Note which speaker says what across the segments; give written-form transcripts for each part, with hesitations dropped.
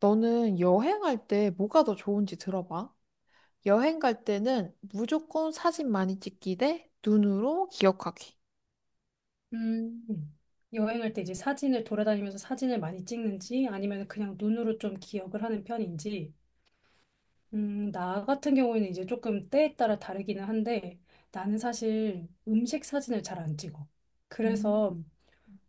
Speaker 1: 너는 여행할 때 뭐가 더 좋은지 들어봐. 여행 갈 때는 무조건 사진 많이 찍기 대 눈으로 기억하기.
Speaker 2: 음. 여행할 때 이제 사진을 돌아다니면서 사진을 많이 찍는지 아니면 그냥 눈으로 좀 기억을 하는 편인지, 나 같은 경우에는 이제 조금 때에 따라 다르기는 한데 나는 사실 음식 사진을 잘 안 찍어.
Speaker 1: 음.
Speaker 2: 그래서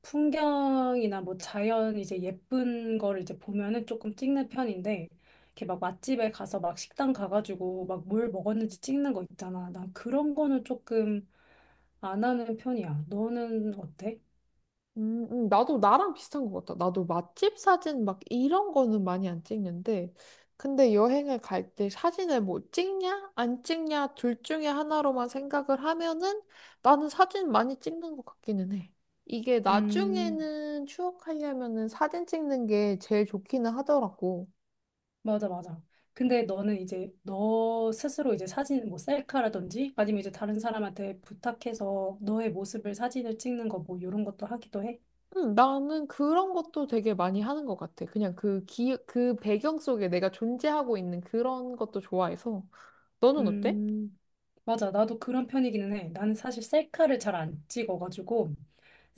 Speaker 2: 풍경이나 뭐 자연 이제 예쁜 거를 이제 보면은 조금 찍는 편인데 이렇게 막 맛집에 가서 막 식당 가가지고 막 뭘 먹었는지 찍는 거 있잖아. 난 그런 거는 조금 안 하는 편이야. 너는 어때?
Speaker 1: 나도 나랑 비슷한 것 같아. 나도 맛집 사진 막 이런 거는 많이 안 찍는데, 근데 여행을 갈 때 사진을 뭐 찍냐, 안 찍냐, 둘 중에 하나로만 생각을 하면은 나는 사진 많이 찍는 것 같기는 해. 이게
Speaker 2: 음.
Speaker 1: 나중에는 추억하려면은 사진 찍는 게 제일 좋기는 하더라고.
Speaker 2: 맞아, 맞아. 근데 너는 이제 너 스스로 이제 사진 뭐 셀카라든지 아니면 이제 다른 사람한테 부탁해서 너의 모습을 사진을 찍는 거 뭐 이런 것도 하기도 해?
Speaker 1: 나는 그런 것도 되게 많이 하는 것 같아. 그냥 그 배경 속에 내가 존재하고 있는 그런 것도 좋아해서. 너는 어때?
Speaker 2: 음, 맞아. 나도 그런 편이기는 해. 나는 사실 셀카를 잘 안 찍어가지고,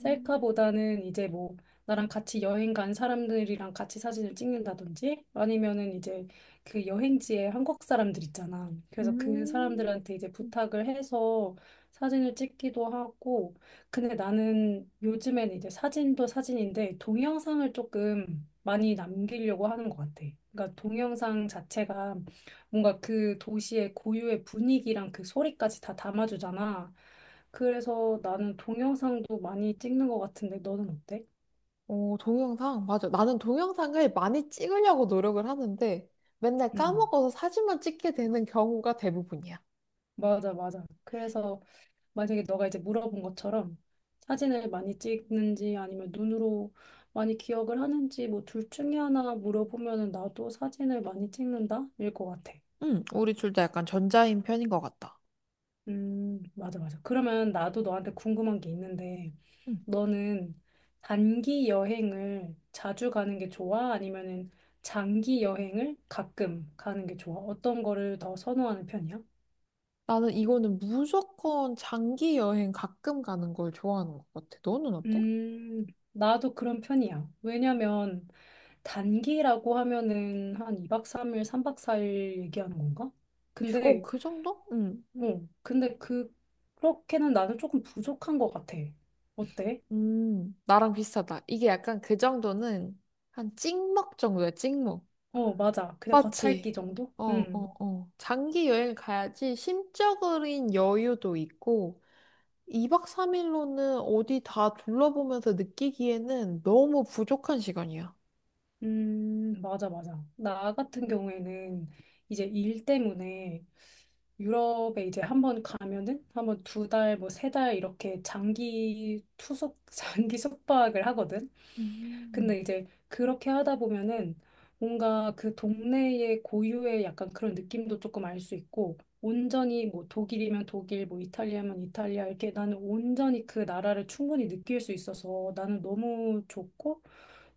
Speaker 1: 음.
Speaker 2: 이제 뭐, 나랑 같이 여행 간 사람들이랑 같이 사진을 찍는다든지, 아니면은 이제 그 여행지에 한국 사람들 있잖아. 그래서 그
Speaker 1: 음,
Speaker 2: 사람들한테 이제 부탁을 해서 사진을 찍기도 하고, 근데 나는 요즘엔 이제 사진도 사진인데, 동영상을 조금 많이 남기려고 하는 것 같아. 그러니까 동영상 자체가 뭔가 그 도시의 고유의 분위기랑 그 소리까지 다 담아주잖아. 그래서 나는 동영상도 많이 찍는 것 같은데 너는 어때?
Speaker 1: 어, 동영상. 맞아. 나는 동영상을 많이 찍으려고 노력을 하는데 맨날
Speaker 2: 음,
Speaker 1: 까먹어서 사진만 찍게 되는 경우가 대부분이야.
Speaker 2: 맞아, 맞아. 그래서 만약에 너가 이제 물어본 것처럼 사진을 많이 찍는지 아니면 눈으로 많이 기억을 하는지 뭐 둘 중에 하나 물어보면은 나도 사진을 많이 찍는다? 일 것 같아.
Speaker 1: 응, 우리 둘 다 약간 전자인 편인 것 같다.
Speaker 2: 맞아, 맞아. 그러면 나도 너한테 궁금한 게 있는데,
Speaker 1: 응.
Speaker 2: 너는 단기 여행을 자주 가는 게 좋아? 아니면은 장기 여행을 가끔 가는 게 좋아? 어떤 거를 더 선호하는 편이야?
Speaker 1: 나는 이거는 무조건 장기 여행 가끔 가는 걸 좋아하는 것 같아. 너는 어때?
Speaker 2: 음, 나도 그런 편이야. 왜냐면 단기라고 하면은 한 2박 3일, 3박 4일 얘기하는 건가?
Speaker 1: 어,
Speaker 2: 근데,
Speaker 1: 그 정도? 응.
Speaker 2: 근데 그렇게는 나는 조금 부족한 것 같아. 어때?
Speaker 1: 나랑 비슷하다. 이게 약간 그 정도는 한 찍먹 정도야, 찍먹.
Speaker 2: 어, 맞아. 그냥
Speaker 1: 맞지?
Speaker 2: 겉핥기 정도?
Speaker 1: 어, 어,
Speaker 2: 응.
Speaker 1: 어. 장기 여행 가야지 심적인 여유도 있고, 2박 3일로는 어디 다 둘러보면서 느끼기에는 너무 부족한 시간이야.
Speaker 2: 맞아, 맞아. 나 같은 경우에는 이제 일 때문에 유럽에 이제 한번 가면은 한번 2달, 뭐 3달 이렇게 장기 투숙, 장기 숙박을 하거든. 근데
Speaker 1: 음.
Speaker 2: 이제 그렇게 하다 보면은 뭔가 그 동네의 고유의 약간 그런 느낌도 조금 알 수 있고 온전히 뭐 독일이면 독일, 뭐 이탈리아면 이탈리아 이렇게 나는 온전히 그 나라를 충분히 느낄 수 있어서 나는 너무 좋고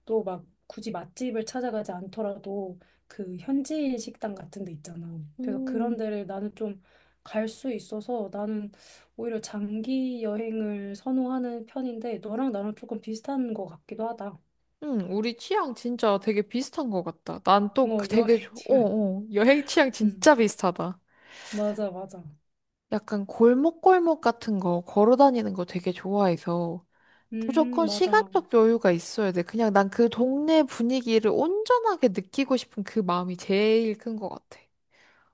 Speaker 2: 또 막 굳이 맛집을 찾아가지 않더라도 그 현지인 식당 같은 데 있잖아. 그래서 그런
Speaker 1: 음.
Speaker 2: 데를 나는 좀 갈 수 있어서 나는 오히려 장기 여행을 선호하는 편인데 너랑 나랑 조금 비슷한 것 같기도 하다.
Speaker 1: 응, 우리 취향 진짜 되게 비슷한 것 같다. 난또
Speaker 2: 어,
Speaker 1: 그 되게,
Speaker 2: 여행 지원.
Speaker 1: 여행 취향
Speaker 2: 음,
Speaker 1: 진짜 비슷하다.
Speaker 2: 맞아, 맞아.
Speaker 1: 약간 골목골목 같은 거 걸어 다니는 거 되게 좋아해서 무조건
Speaker 2: 맞아.
Speaker 1: 시간적 여유가 있어야 돼. 그냥 난 그 동네 분위기를 온전하게 느끼고 싶은 그 마음이 제일 큰 것 같아.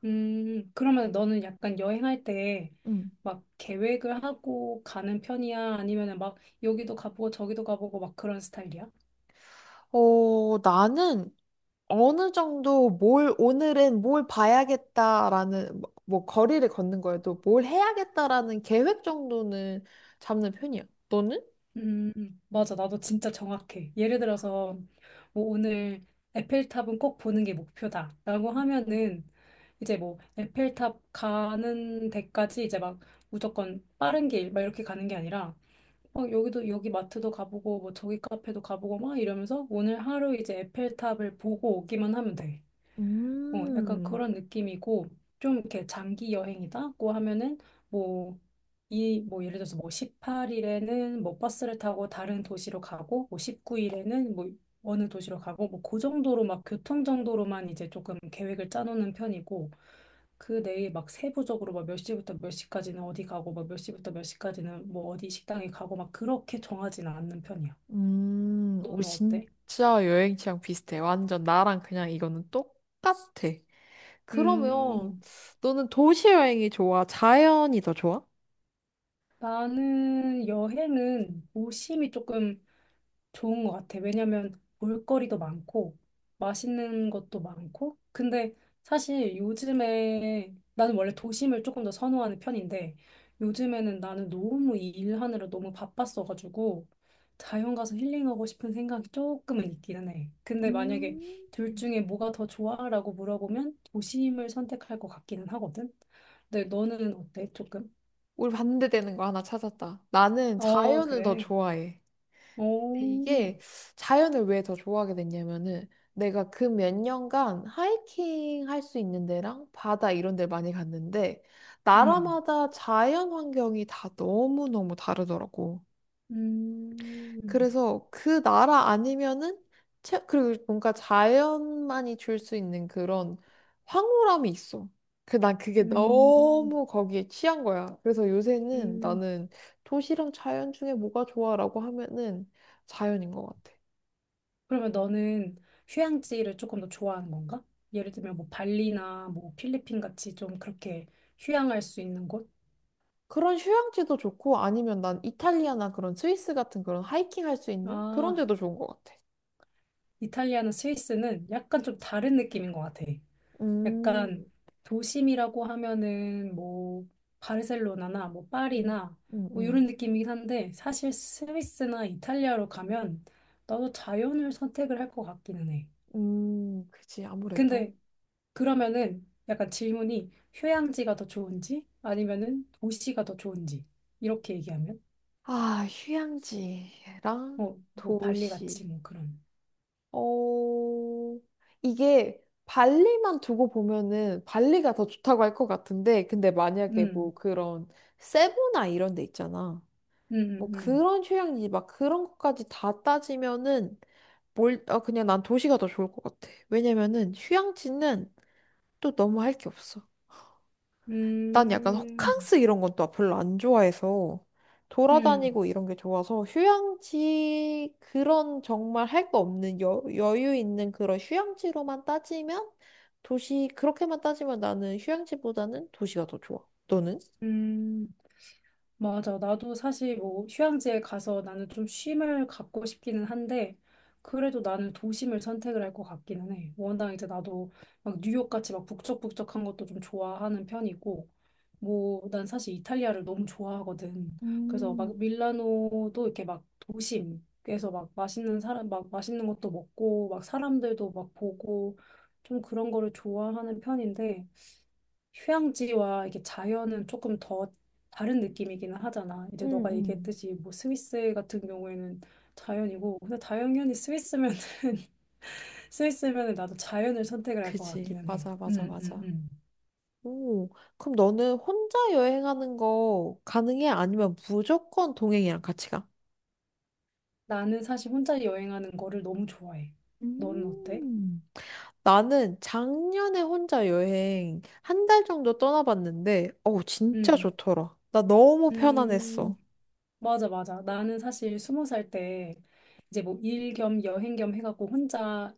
Speaker 2: 그러면 너는 약간 여행할 때
Speaker 1: 음,
Speaker 2: 막 계획을 하고 가는 편이야? 아니면은 막 여기도 가보고 저기도 가보고 막 그런 스타일이야?
Speaker 1: 어, 나는 어느 정도 오늘은 뭘 봐야겠다라는, 뭐 거리를 걷는 거여도 뭘 해야겠다라는 계획 정도는 잡는 편이야. 너는?
Speaker 2: 음, 맞아. 나도 진짜 정확해. 예를 들어서 뭐 오늘 에펠탑은 꼭 보는 게 목표다, 라고 하면은 이제 뭐 에펠탑 가는 데까지 이제 막 무조건 빠른 길 막 이렇게 가는 게 아니라 막 여기도 여기 마트도 가보고 뭐 저기 카페도 가보고 막 이러면서 오늘 하루 이제 에펠탑을 보고 오기만 하면 돼. 어, 약간
Speaker 1: 음,
Speaker 2: 그런 느낌이고, 좀 이렇게 장기 여행이다고 하면은, 뭐, 뭐, 예를 들어서 뭐 18일에는 뭐 버스를 타고 다른 도시로 가고, 뭐 19일에는 뭐 어느 도시로 가고, 뭐 그 정도로 막 교통 정도로만 이제 조금 계획을 짜놓는 편이고, 그 내일 막 세부적으로 막 몇 시부터 몇 시까지는 어디 가고, 막 몇 시부터 몇 시까지는 뭐 어디 식당에 가고, 막 그렇게 정하진 않는 편이야.
Speaker 1: 오,
Speaker 2: 너는 어때?
Speaker 1: 진짜 여행 취향 비슷해. 완전 나랑 그냥 이거는 똑같아. 그러면
Speaker 2: 음,
Speaker 1: 너는 도시 여행이 좋아? 자연이 더 좋아?
Speaker 2: 나는 여행은 오심이 조금 좋은 것 같아. 왜냐면 볼거리도 많고 맛있는 것도 많고. 근데 사실 요즘에 나는 원래 도심을 조금 더 선호하는 편인데 요즘에는 나는 너무 이 일하느라 너무 바빴어가지고 자연 가서 힐링하고 싶은 생각이 조금은 있기는 해. 근데
Speaker 1: 음,
Speaker 2: 만약에 둘 중에 뭐가 더 좋아라고 물어보면 도심을 선택할 것 같기는 하거든. 근데 너는 어때? 조금?
Speaker 1: 우리 반대되는 거 하나 찾았다. 나는
Speaker 2: 어,
Speaker 1: 자연을 더
Speaker 2: 그래.
Speaker 1: 좋아해. 근데
Speaker 2: 오.
Speaker 1: 이게 자연을 왜 더 좋아하게 됐냐면은 내가 그 몇 년간 하이킹 할 수 있는 데랑 바다 이런 데를 많이 갔는데
Speaker 2: 음,
Speaker 1: 나라마다 자연 환경이 다 너무너무 다르더라고.
Speaker 2: 음.
Speaker 1: 그래서 그 나라 아니면은 그리고 뭔가 자연만이 줄 수 있는 그런 황홀함이 있어. 그 난 그게
Speaker 2: 음,
Speaker 1: 너무 거기에 취한 거야. 그래서 요새는
Speaker 2: 음.
Speaker 1: 나는 도시랑 자연 중에 뭐가 좋아라고 하면은 자연인 것 같아.
Speaker 2: 그러면 너는 휴양지를 조금 더 좋아하는 건가? 예를 들면 뭐 발리나 뭐 필리핀 같이 좀 그렇게 휴양할 수 있는 곳?
Speaker 1: 그런 휴양지도 좋고 아니면 난 이탈리아나 그런 스위스 같은 그런 하이킹 할 수 있는 그런
Speaker 2: 아,
Speaker 1: 데도 좋은 것 같아.
Speaker 2: 이탈리아나 스위스는 약간 좀 다른 느낌인 것 같아.
Speaker 1: 음,
Speaker 2: 약간 도심이라고 하면은 뭐 바르셀로나나 뭐
Speaker 1: 음,
Speaker 2: 파리나
Speaker 1: 음,
Speaker 2: 뭐 이런
Speaker 1: 음,
Speaker 2: 느낌이긴 한데 사실 스위스나 이탈리아로 가면 나도 자연을 선택을 할 것 같기는 해.
Speaker 1: 그지 아무래도.
Speaker 2: 근데 그러면은 약간 질문이 휴양지가 더 좋은지 아니면은 도시가 더 좋은지 이렇게 얘기하면
Speaker 1: 아, 휴양지랑
Speaker 2: 뭐, 발리
Speaker 1: 도시.
Speaker 2: 같이 뭐 그런.
Speaker 1: 어, 이게 발리만 두고 보면은 발리가 더 좋다고 할 것 같은데, 근데 만약에 뭐
Speaker 2: 음,
Speaker 1: 그런 세부나 이런 데 있잖아.
Speaker 2: 음,
Speaker 1: 뭐
Speaker 2: 음,
Speaker 1: 그런 휴양지 막 그런 것까지 다 따지면은 아, 그냥 난 도시가 더 좋을 것 같아. 왜냐면은 휴양지는 또 너무 할 게 없어. 난 약간
Speaker 2: 음,
Speaker 1: 호캉스 이런 건 또 별로 안 좋아해서
Speaker 2: 음, 음,
Speaker 1: 돌아다니고 이런 게 좋아서 휴양지 그런 정말 할 거 없는 여유 있는 그런 휴양지로만 따지면 도시 그렇게만 따지면 나는 휴양지보다는 도시가 더 좋아. 너는?
Speaker 2: 음. 맞아. 나도 사실 뭐 휴양지에 가서 나는 좀 쉼을 갖고 싶기는 한데, 그래도 나는 도심을 선택을 할 것 같기는 해. 워낙 이제 나도 막 뉴욕 같이 막 북적북적한 것도 좀 좋아하는 편이고, 뭐, 난 사실 이탈리아를 너무 좋아하거든. 그래서
Speaker 1: 음,
Speaker 2: 막 밀라노도 이렇게 막 도심에서 막 맛있는 사람, 막 맛있는 것도 먹고, 막 사람들도 막 보고, 좀 그런 거를 좋아하는 편인데, 휴양지와 이게 자연은 조금 더 다른 느낌이기는 하잖아. 이제
Speaker 1: 음,
Speaker 2: 너가
Speaker 1: 음.
Speaker 2: 얘기했듯이 뭐 스위스 같은 경우에는 자연이고, 근데 당연히 스위스면은 스위스면은 나도 자연을 선택을 할 것
Speaker 1: 그지.
Speaker 2: 같기는 해.
Speaker 1: 맞아, 맞아, 맞아. 오, 그럼 너는 혼자 여행하는 거 가능해? 아니면 무조건 동행이랑 같이 가?
Speaker 2: 나는 사실 혼자 여행하는 거를 너무 좋아해. 너는 어때?
Speaker 1: 음. 나는 작년에 혼자 여행 한 달 정도 떠나봤는데, 어우, 진짜
Speaker 2: 음,
Speaker 1: 좋더라. 나 너무 편안했어.
Speaker 2: 음. 맞아, 맞아. 나는 사실 20살 때 이제 뭐 일 겸 여행 겸 해갖고 혼자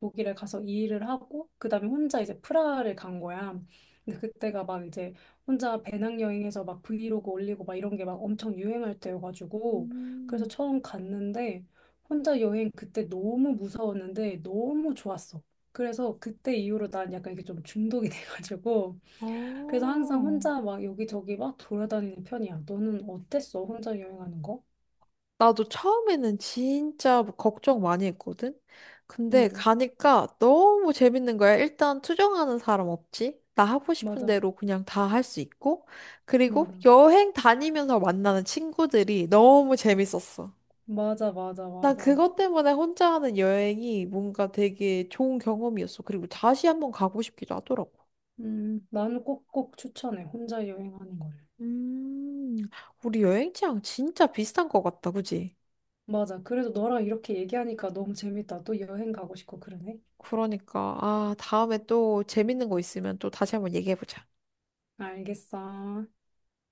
Speaker 2: 독일에 가서 일을 하고 그다음에 혼자 이제 프라하를 간 거야. 근데 그때가 막 이제 혼자 배낭여행해서 막 브이로그 올리고 막 이런 게 막 엄청 유행할 때여가지고 그래서
Speaker 1: 음.
Speaker 2: 처음 갔는데 혼자 여행 그때 너무 무서웠는데 너무 좋았어. 그래서 그때 이후로 난 약간 이게 좀 중독이 돼가지고 그래서 항상
Speaker 1: 어.
Speaker 2: 혼자 막 여기저기 막 돌아다니는 편이야. 너는 어땠어? 혼자 여행하는 거?
Speaker 1: 나도 처음에는 진짜 뭐 걱정 많이 했거든? 근데
Speaker 2: 응,
Speaker 1: 가니까 너무 재밌는 거야. 일단 투정하는 사람 없지? 나 하고 싶은
Speaker 2: 맞아,
Speaker 1: 대로 그냥 다 할 수 있고. 그리고
Speaker 2: 맞아,
Speaker 1: 여행 다니면서 만나는 친구들이 너무 재밌었어.
Speaker 2: 맞아, 맞아,
Speaker 1: 난
Speaker 2: 맞아.
Speaker 1: 그것 때문에 혼자 하는 여행이 뭔가 되게 좋은 경험이었어. 그리고 다시 한번 가고 싶기도 하더라고.
Speaker 2: 나는 꼭꼭 추천해. 혼자 여행하는 거를.
Speaker 1: 음, 우리 여행 취향 진짜 비슷한 것 같다, 그지?
Speaker 2: 맞아. 그래도 너랑 이렇게 얘기하니까 너무 재밌다. 또 여행 가고 싶고 그러네.
Speaker 1: 그러니까, 아, 다음에 또 재밌는 거 있으면 또 다시 한번 얘기해보자.
Speaker 2: 알겠어.